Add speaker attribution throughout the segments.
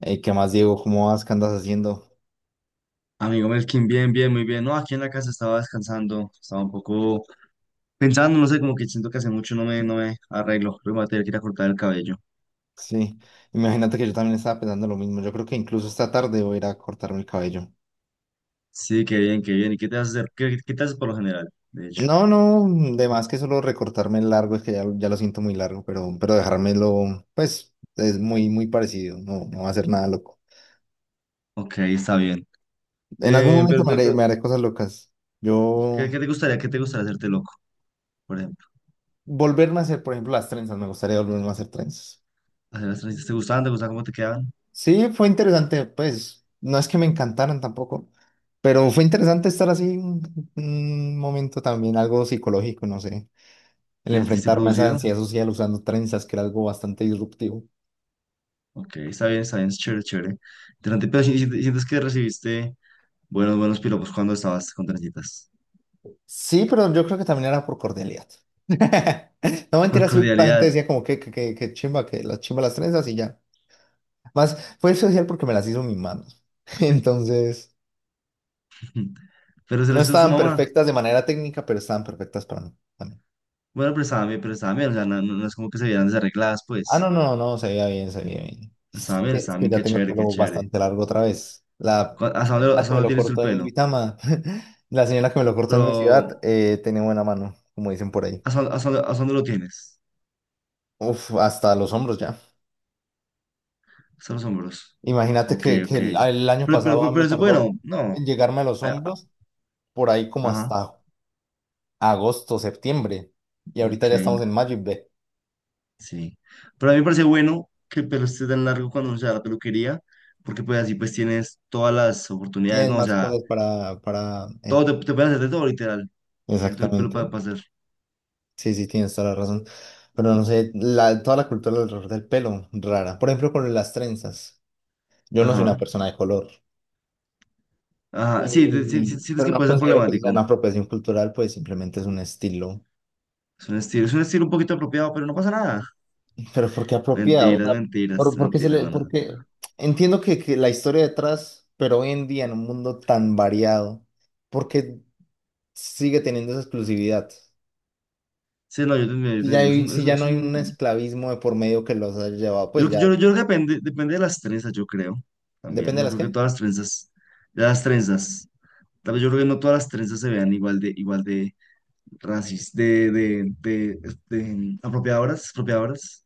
Speaker 1: Ey, ¿qué más, Diego? ¿Cómo vas? ¿Qué andas haciendo?
Speaker 2: Amigo Melkin, bien, bien, muy bien. No, aquí en la casa estaba descansando, estaba un poco pensando, no sé, como que siento que hace mucho no me arreglo. Luego me voy a tener que ir a cortar el cabello.
Speaker 1: Sí, imagínate que yo también estaba pensando lo mismo. Yo creo que incluso esta tarde voy a ir a cortarme el cabello.
Speaker 2: Sí, qué bien, qué bien. ¿Y qué te vas haces, qué te haces por lo general, de hecho?
Speaker 1: No, no, de más que solo recortarme el largo, es que ya lo siento muy largo, pero dejármelo, pues, es muy, muy parecido. No, no va a ser nada loco.
Speaker 2: Ok, está bien.
Speaker 1: En algún momento
Speaker 2: Pero,
Speaker 1: me haré, me
Speaker 2: pero,
Speaker 1: haré cosas locas. Yo,
Speaker 2: qué te gustaría hacerte loco, por ejemplo?
Speaker 1: volverme a hacer, por ejemplo, las trenzas, me gustaría volverme a hacer trenzas.
Speaker 2: ¿Hacer las transiciones? ¿Te gustaban? ¿Te gustaban cómo te quedaban?
Speaker 1: Sí, fue interesante, pues no es que me encantaran tampoco, pero fue interesante estar así un momento también, algo psicológico, no sé, el
Speaker 2: ¿Te sentiste
Speaker 1: enfrentarme a esa
Speaker 2: producido?
Speaker 1: ansiedad social usando trenzas, que era algo bastante disruptivo.
Speaker 2: Ok, está bien, es chévere, chévere. Interesante, pero sientes que recibiste buenos, buenos piropos cuando estabas con trencitas.
Speaker 1: Sí, pero yo creo que también era por cordialidad. No
Speaker 2: Por
Speaker 1: mentira, sí, la gente
Speaker 2: cordialidad.
Speaker 1: decía como que chimba, que las chimba las trenzas y ya. Más fue social porque me las hizo mis manos. Entonces,
Speaker 2: Pero se lo
Speaker 1: no
Speaker 2: hizo su
Speaker 1: estaban
Speaker 2: mamá.
Speaker 1: perfectas de manera técnica, pero estaban perfectas para mí también.
Speaker 2: Bueno, pero estaba bien, o sea, no es como que se vieran desarregladas,
Speaker 1: Ah,
Speaker 2: pues.
Speaker 1: no, no, no, se veía bien, se veía bien. Es
Speaker 2: Estaba
Speaker 1: que
Speaker 2: bien,
Speaker 1: ya
Speaker 2: qué
Speaker 1: tengo el
Speaker 2: chévere, qué
Speaker 1: pelo
Speaker 2: chévere.
Speaker 1: bastante largo otra vez. La
Speaker 2: ¿Hasta dónde,
Speaker 1: señora que
Speaker 2: hasta
Speaker 1: me
Speaker 2: dónde
Speaker 1: lo
Speaker 2: tienes tú el
Speaker 1: cortó en
Speaker 2: pelo?
Speaker 1: Duitama, la señora que me lo cortó en mi ciudad,
Speaker 2: Pero,
Speaker 1: tenía buena mano, como dicen por ahí.
Speaker 2: hasta dónde lo tienes?
Speaker 1: Uf, hasta los hombros ya.
Speaker 2: Hasta los hombros.
Speaker 1: Imagínate
Speaker 2: Ok,
Speaker 1: que
Speaker 2: ok.
Speaker 1: el año
Speaker 2: Pero, pero,
Speaker 1: pasado
Speaker 2: pero, pero
Speaker 1: me
Speaker 2: es
Speaker 1: tardó
Speaker 2: bueno, no.
Speaker 1: en llegarme a los
Speaker 2: a- a-
Speaker 1: hombros por ahí como
Speaker 2: Ajá,
Speaker 1: hasta agosto, septiembre. Y ahorita
Speaker 2: ok,
Speaker 1: ya estamos en mayo y ve.
Speaker 2: sí. Pero a mí me parece bueno que el pelo esté tan largo cuando uno se da la peluquería, porque pues así pues tienes todas las oportunidades,
Speaker 1: Tienes
Speaker 2: ¿no? O
Speaker 1: más
Speaker 2: sea,
Speaker 1: cosas
Speaker 2: todo te pueden hacer de todo, literal. Tienes todo el pelo
Speaker 1: exactamente.
Speaker 2: para pasar.
Speaker 1: Sí, sí, tienes toda la razón. Pero no sé, toda la cultura alrededor del pelo, rara. Por ejemplo, con las trenzas. Yo no soy
Speaker 2: Ajá.
Speaker 1: una persona de color,
Speaker 2: Ajá, sí, sí, sí, sientes
Speaker 1: pero
Speaker 2: que
Speaker 1: no
Speaker 2: puede ser
Speaker 1: considero que sea una
Speaker 2: problemático.
Speaker 1: apropiación cultural, pues simplemente es un estilo.
Speaker 2: Es un estilo un poquito apropiado, pero no pasa nada.
Speaker 1: Pero ¿por qué apropiado? O
Speaker 2: Mentiras,
Speaker 1: sea,
Speaker 2: mentiras, mentiras, no, no.
Speaker 1: porque entiendo que la historia detrás, pero hoy en día en un mundo tan variado, ¿por qué sigue teniendo esa exclusividad?
Speaker 2: Sí, no, yo te entiendo, yo
Speaker 1: Si
Speaker 2: te
Speaker 1: ya,
Speaker 2: entiendo. Es
Speaker 1: hay-
Speaker 2: un, es
Speaker 1: si
Speaker 2: un,
Speaker 1: ya no
Speaker 2: es
Speaker 1: hay un
Speaker 2: un-
Speaker 1: esclavismo de por medio que los haya llevado, pues ya
Speaker 2: Yo creo que depende, depende de las trenzas, yo creo. También,
Speaker 1: depende de
Speaker 2: no
Speaker 1: las
Speaker 2: creo que
Speaker 1: que.
Speaker 2: todas las trenzas, de las trenzas, tal vez yo creo que no todas las trenzas se vean igual de racis, de apropiadoras, apropiadoras.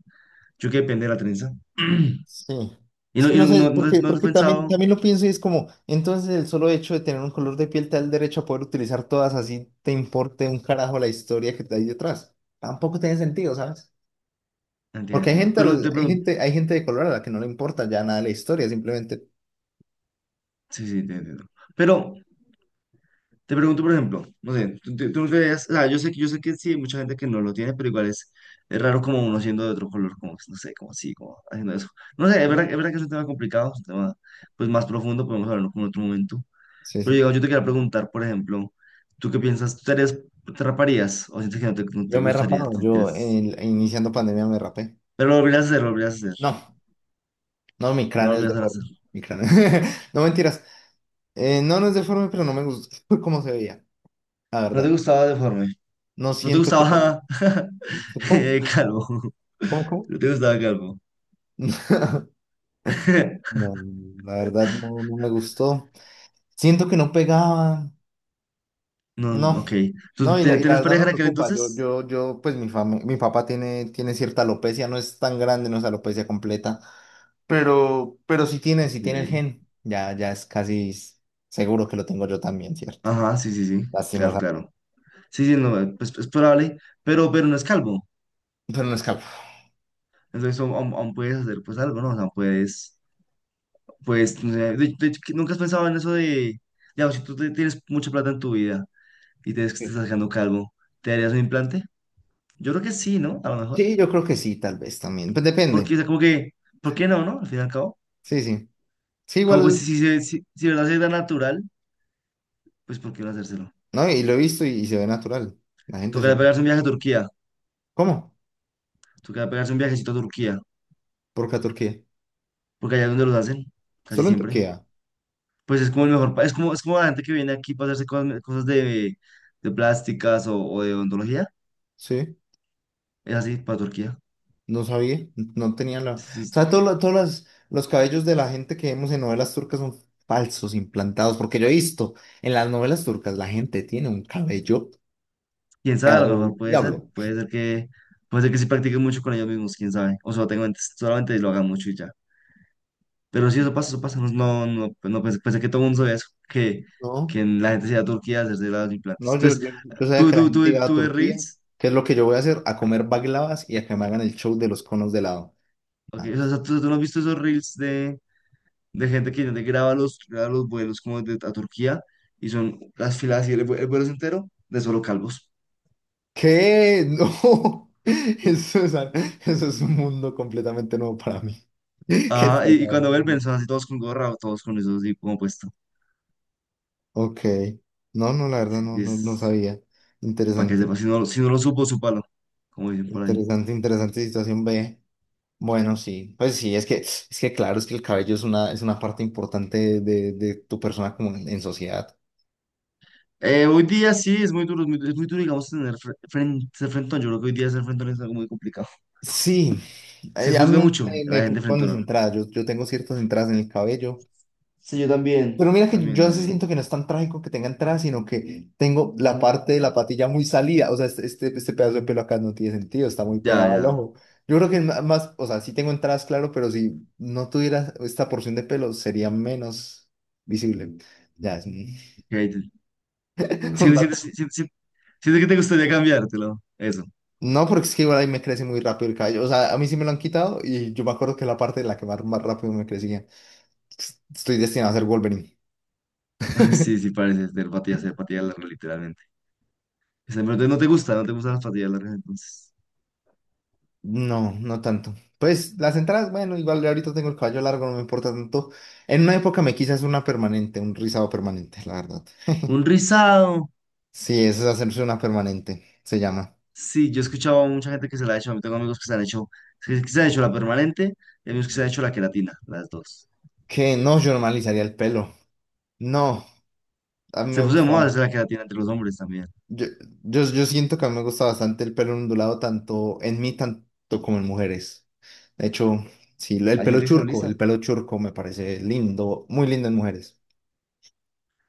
Speaker 2: Yo creo que depende de la trenza.
Speaker 1: Sí.
Speaker 2: Y
Speaker 1: Es
Speaker 2: no,
Speaker 1: que
Speaker 2: y
Speaker 1: no
Speaker 2: no,
Speaker 1: sé,
Speaker 2: no, no,
Speaker 1: porque,
Speaker 2: no has
Speaker 1: porque también,
Speaker 2: pensado.
Speaker 1: también lo pienso y es como, entonces el solo hecho de tener un color de piel te da el derecho a poder utilizar todas así, te importe un carajo la historia que hay detrás. Tampoco tiene sentido, ¿sabes? Porque hay
Speaker 2: Entiendo, entiendo.
Speaker 1: gente,
Speaker 2: Pero
Speaker 1: al-
Speaker 2: te pregunto,
Speaker 1: hay gente de color a la que no le importa ya nada la historia, simplemente.
Speaker 2: sí, sí, te entiendo. Pero te pregunto, por ejemplo, no sé, tú creías, o sea, yo sé que sí, hay mucha gente que no lo tiene, pero igual es raro como uno siendo de otro color, como, no sé, como así, como haciendo eso. No sé,
Speaker 1: Sí,
Speaker 2: es verdad que es un tema complicado, es un tema pues más profundo, podemos hablarlo como en otro momento.
Speaker 1: sí,
Speaker 2: Pero
Speaker 1: sí.
Speaker 2: digamos, yo te quería preguntar, por ejemplo, ¿tú qué piensas? ¿Tú te raparías? ¿O sientes que no
Speaker 1: Yo
Speaker 2: te
Speaker 1: me he
Speaker 2: gustaría?
Speaker 1: rapado, iniciando pandemia me rapé.
Speaker 2: Pero lo volverías a hacer, lo volverías a hacer,
Speaker 1: No, no, mi
Speaker 2: no lo
Speaker 1: cráneo es
Speaker 2: volverías a
Speaker 1: deforme.
Speaker 2: hacer.
Speaker 1: Mi cráneo. No mentiras. No, no es deforme, pero no me gusta cómo se veía, la
Speaker 2: No te
Speaker 1: verdad.
Speaker 2: gustaba deforme,
Speaker 1: No
Speaker 2: no te
Speaker 1: siento que tenga.
Speaker 2: gustaba
Speaker 1: ¿Cómo?
Speaker 2: calvo,
Speaker 1: ¿Cómo, cómo?
Speaker 2: no te gustaba calvo.
Speaker 1: No, la verdad no, no me gustó. Siento que no pegaba.
Speaker 2: No,
Speaker 1: No,
Speaker 2: ok. ¿Tú
Speaker 1: no, y la, y la
Speaker 2: tenías
Speaker 1: verdad
Speaker 2: pareja
Speaker 1: me
Speaker 2: en aquel
Speaker 1: preocupa. Yo,
Speaker 2: entonces?
Speaker 1: yo, yo, pues mi papá tiene cierta alopecia, no es tan grande, no es alopecia completa, pero sí tiene el
Speaker 2: Ok.
Speaker 1: gen. Ya es casi seguro que lo tengo yo también, ¿cierto?
Speaker 2: Ajá, sí, sí, sí. Claro,
Speaker 1: Lastimosa.
Speaker 2: claro. Sí, sí, no, pues es probable, pero no es calvo.
Speaker 1: Pero no escapa.
Speaker 2: Entonces aún puedes hacer pues algo, ¿no? O sea, puedes, pues, no sé, de hecho, que ¿nunca has pensado en eso de, digamos, si tienes mucha plata en tu vida y te ves que te
Speaker 1: Sí,
Speaker 2: estás quedando calvo, ¿te harías un implante? Yo creo que sí, ¿no? A lo mejor.
Speaker 1: sí, yo creo que sí, tal vez también. Pues
Speaker 2: Porque,
Speaker 1: depende.
Speaker 2: o sea, como que, ¿por qué no, no? Al fin y al cabo.
Speaker 1: Sí, sí. Sí,
Speaker 2: Como pues
Speaker 1: igual,
Speaker 2: si de verdad se da natural, pues ¿por qué no hacérselo?
Speaker 1: ¿no? Y lo he visto y se ve natural. La gente se.
Speaker 2: Tocaría pegarse un viaje a Turquía.
Speaker 1: ¿Cómo?
Speaker 2: Tocaría pegarse un viajecito a Turquía
Speaker 1: Porque a Turquía.
Speaker 2: porque allá es donde los hacen, casi
Speaker 1: Solo en
Speaker 2: siempre.
Speaker 1: Turquía.
Speaker 2: Pues es como el mejor, es como la gente que viene aquí para hacerse cosas, cosas de plásticas o de odontología,
Speaker 1: Sí.
Speaker 2: es así para Turquía.
Speaker 1: No sabía. No tenía la. O
Speaker 2: Sí, sí,
Speaker 1: sea, todos los cabellos de la gente que vemos en novelas turcas son falsos, implantados. Porque yo he visto en las novelas turcas la gente tiene un cabello.
Speaker 2: quién sabe, a lo mejor
Speaker 1: El diablo.
Speaker 2: puede ser que sí practiquen mucho con ellos mismos, quién sabe, o solo solamente lo hagan mucho y ya. Pero sí, eso pasa, no, no, no, pues no pensé, pensé que todo el mundo sabía eso,
Speaker 1: No,
Speaker 2: que la gente se iba a Turquía a hacerse los
Speaker 1: no,
Speaker 2: implantes.
Speaker 1: yo,
Speaker 2: Entonces,
Speaker 1: yo, yo sabía que la gente iba a
Speaker 2: tú ves
Speaker 1: Turquía.
Speaker 2: Reels,
Speaker 1: ¿Qué es lo que yo voy a hacer? A comer baglavas y a que me hagan el show de los conos de helado.
Speaker 2: ok,
Speaker 1: Nada
Speaker 2: o
Speaker 1: más.
Speaker 2: sea, tú no has visto esos Reels de gente que graba los vuelos como de, a Turquía y son las filas y el, el vuelo es entero de solo calvos.
Speaker 1: ¿Qué? No. Eso es un mundo completamente nuevo para mí. ¿Qué
Speaker 2: Ajá,
Speaker 1: estás
Speaker 2: y cuando
Speaker 1: hablando?
Speaker 2: vuelven son así todos con gorra, todos con eso así como puesto.
Speaker 1: Ok. No, no, la verdad no
Speaker 2: Es,
Speaker 1: sabía.
Speaker 2: para que
Speaker 1: Interesante,
Speaker 2: sepa, si no, si no lo supo, súpalo, como dicen por ahí.
Speaker 1: interesante, interesante situación B. Bueno, sí, pues sí, es que, claro, es que el cabello es una parte importante de tu persona como en sociedad.
Speaker 2: Hoy día sí, es muy duro, digamos, tener ser frentón. Yo creo que hoy día ser frentón es algo muy complicado.
Speaker 1: Sí,
Speaker 2: Se
Speaker 1: ya
Speaker 2: juzga
Speaker 1: me,
Speaker 2: mucho
Speaker 1: me-
Speaker 2: la
Speaker 1: me
Speaker 2: gente
Speaker 1: preocupan mis
Speaker 2: frentona.
Speaker 1: entradas. Yo tengo ciertas entradas en el cabello.
Speaker 2: Sí, yo
Speaker 1: Pero
Speaker 2: también.
Speaker 1: mira que
Speaker 2: También,
Speaker 1: yo sí siento
Speaker 2: también.
Speaker 1: que no es tan trágico que tenga entrada, sino que tengo la parte de la patilla muy salida. O sea, este pedazo de pelo acá no tiene sentido, está muy
Speaker 2: Ya,
Speaker 1: pegado al
Speaker 2: ya.
Speaker 1: ojo. Yo creo que más, o sea, sí tengo entradas, claro, pero si no tuviera esta porción de pelo, sería menos visible. Ya es un
Speaker 2: Ok,
Speaker 1: un
Speaker 2: sientes,
Speaker 1: dato.
Speaker 2: sientes, sientes que te gustaría cambiártelo. Eso.
Speaker 1: No, porque es que igual ahí me crece muy rápido el cabello. O sea, a mí sí me lo han quitado y yo me acuerdo que la parte de la que más rápido me crecía. Estoy destinado a ser Wolverine.
Speaker 2: Sí, sí, parece ser patillas largas, literalmente. O pero entonces no te gusta, no te gustan las patillas largas, entonces.
Speaker 1: No, no tanto. Pues las entradas, bueno, igual ahorita tengo el caballo largo, no me importa tanto. En una época me quise hacer una permanente, un rizado permanente, la verdad.
Speaker 2: Un rizado.
Speaker 1: Sí, eso es hacerse una permanente, se llama.
Speaker 2: Sí, yo he escuchado a mucha gente que se la ha hecho. A mí tengo amigos que se han hecho, que se han hecho la permanente y amigos que se han hecho la queratina, las dos.
Speaker 1: Que no, yo normalizaría el pelo. No, a mí
Speaker 2: Se
Speaker 1: me
Speaker 2: puso de
Speaker 1: gusta.
Speaker 2: moda hacer la queratina entre los hombres también.
Speaker 1: Yo, yo siento que a mí me gusta bastante el pelo ondulado, tanto en mí, tanto como en mujeres. De hecho, sí, el
Speaker 2: Hay
Speaker 1: pelo
Speaker 2: gente que se lo
Speaker 1: churco,
Speaker 2: lisa.
Speaker 1: el pelo churco me parece lindo, muy lindo en mujeres.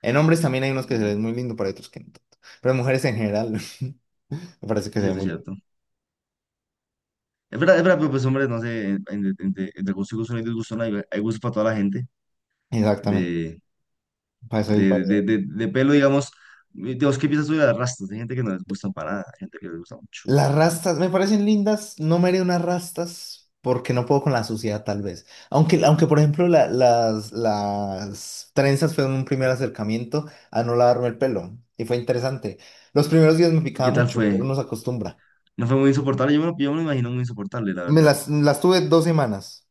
Speaker 1: En hombres también hay unos que se
Speaker 2: Y
Speaker 1: ven muy lindo, pero hay otros que no tanto. Pero en mujeres en general, me parece que se ve
Speaker 2: cierto,
Speaker 1: muy lindo.
Speaker 2: cierto. Es verdad, pero pues hombres, no sé, entre, entre gusto y gusto no hay disgusto, no hay, hay gusto para toda la gente.
Speaker 1: Exactamente,
Speaker 2: De,
Speaker 1: para eso hay variedad.
Speaker 2: de pelo, digamos. Dios, ¿qué piensas tú de las rastas? Hay gente que no les gustan para nada, hay gente que les gusta mucho.
Speaker 1: Las rastas me parecen lindas, no me haré unas rastas porque no puedo con la suciedad tal vez. Aunque por ejemplo, las trenzas fueron un primer acercamiento a no lavarme el pelo y fue interesante. Los primeros días me
Speaker 2: ¿Y
Speaker 1: picaba
Speaker 2: qué tal
Speaker 1: mucho, pero
Speaker 2: fue?
Speaker 1: uno se acostumbra.
Speaker 2: No fue muy insoportable, yo me, yo me lo imagino muy insoportable, la
Speaker 1: Me
Speaker 2: verdad.
Speaker 1: las tuve 2 semanas.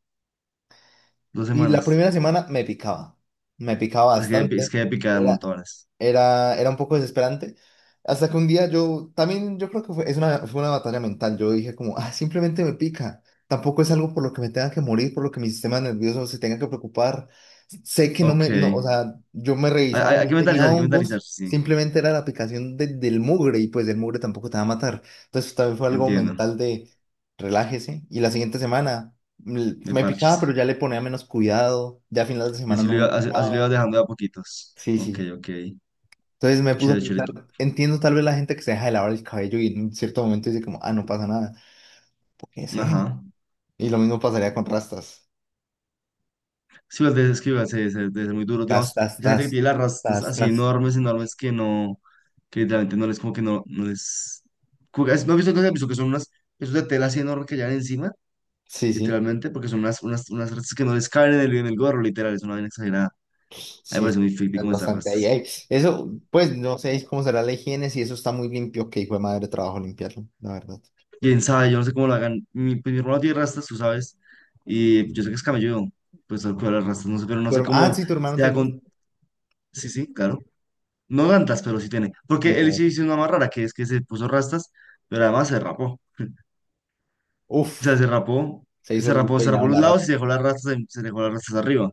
Speaker 2: Dos
Speaker 1: Y la
Speaker 2: semanas.
Speaker 1: primera semana me picaba
Speaker 2: Es
Speaker 1: bastante,
Speaker 2: que picada de
Speaker 1: era,
Speaker 2: montones.
Speaker 1: era un poco desesperante, hasta que un día también yo creo que fue, fue una batalla mental, yo dije como, ah, simplemente me pica, tampoco es algo por lo que me tenga que morir, por lo que mi sistema nervioso se tenga que preocupar, sé que no
Speaker 2: Ok.
Speaker 1: o
Speaker 2: Hay,
Speaker 1: sea, yo me revisaba y no tenía
Speaker 2: hay que mentalizar,
Speaker 1: hongos,
Speaker 2: sí.
Speaker 1: simplemente era la picación del mugre y pues el mugre tampoco te va a matar, entonces también fue algo
Speaker 2: Entiendo.
Speaker 1: mental de relájese. Y la siguiente semana
Speaker 2: De
Speaker 1: me picaba, pero
Speaker 2: parches.
Speaker 1: ya le ponía menos cuidado. Ya a finales de
Speaker 2: Y
Speaker 1: semana
Speaker 2: así
Speaker 1: no
Speaker 2: lo iba,
Speaker 1: me
Speaker 2: así, así lo ibas
Speaker 1: picaba.
Speaker 2: dejando de a poquitos.
Speaker 1: Sí,
Speaker 2: Ok,
Speaker 1: sí.
Speaker 2: ok.
Speaker 1: Entonces me puso a
Speaker 2: Chévere, chévere.
Speaker 1: pensar, entiendo tal vez la gente que se deja de lavar el cabello y en un cierto momento dice como, ah, no pasa nada. ¿Qué sé?
Speaker 2: Ajá.
Speaker 1: Y lo mismo pasaría con rastas.
Speaker 2: Sí, pues, es que igual debe ser muy duro.
Speaker 1: Tas,
Speaker 2: Digamos,
Speaker 1: tas,
Speaker 2: esa gente que
Speaker 1: tas.
Speaker 2: tiene las rastas
Speaker 1: Tas,
Speaker 2: así
Speaker 1: tas.
Speaker 2: enormes, enormes que no, que literalmente no les, como que no, no les. Como que- ¿No has visto que, has visto que son unas, esos de tela así enormes que llevan encima?
Speaker 1: Sí, sí.
Speaker 2: Literalmente, porque son unas, unas rastas que no les caben en el gorro, literal, es una vaina exagerada. A mí me
Speaker 1: Sí,
Speaker 2: parece muy creepy
Speaker 1: es
Speaker 2: como estas
Speaker 1: bastante ahí,
Speaker 2: rastas.
Speaker 1: ahí. Eso, pues no sé cómo será la higiene, si eso está muy limpio, que hijo de madre trabajo limpiarlo, la verdad.
Speaker 2: Quién sabe, yo no sé cómo lo hagan. Mi, pues, mi hermano tiene rastas, tú sabes, y yo sé que es camelludo, pues al cual las rastas, no sé, pero no sé
Speaker 1: Ah,
Speaker 2: cómo
Speaker 1: sí, tu hermano
Speaker 2: sea
Speaker 1: tiene rastas.
Speaker 2: con. Sí, sí, claro. No tantas, pero sí tiene.
Speaker 1: Ay,
Speaker 2: Porque él sí hizo una más rara, que es que se puso rastas, pero además se rapó. O sea,
Speaker 1: uf,
Speaker 2: se rapó,
Speaker 1: se hizo el
Speaker 2: se
Speaker 1: peinado
Speaker 2: rapó
Speaker 1: en
Speaker 2: los
Speaker 1: la
Speaker 2: lados
Speaker 1: rata.
Speaker 2: y se dejó las rastas, se dejó las rastas arriba.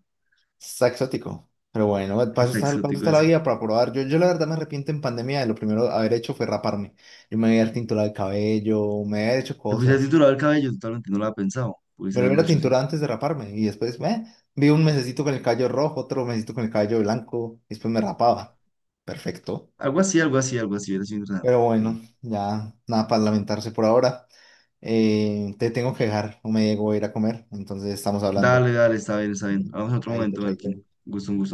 Speaker 1: Está exótico. Pero bueno,
Speaker 2: Está
Speaker 1: paso
Speaker 2: exótico
Speaker 1: está la
Speaker 2: ese.
Speaker 1: vida para probar. Yo la verdad me arrepiento en pandemia de lo primero que haber hecho fue raparme. Yo me había tinturado el cabello, me había hecho
Speaker 2: Le puse a
Speaker 1: cosas.
Speaker 2: titular el cabello, totalmente no lo había pensado. Pudiese
Speaker 1: Me lo
Speaker 2: haberlo
Speaker 1: hubiera
Speaker 2: hecho, sí.
Speaker 1: tinturado antes de raparme y después me vi un mesecito con el cabello rojo, otro mesecito con el cabello blanco y después me rapaba. Perfecto.
Speaker 2: Algo así, algo así, algo así, hubiera sido interesante.
Speaker 1: Pero
Speaker 2: Sí.
Speaker 1: bueno, ya nada para lamentarse por ahora. Te tengo que dejar, no me llego a ir a comer, entonces estamos hablando.
Speaker 2: Dale, dale, está bien, está bien. Hablamos en otro
Speaker 1: Chaito,
Speaker 2: momento,
Speaker 1: chaito.
Speaker 2: Melkin. Gusto, un gusto.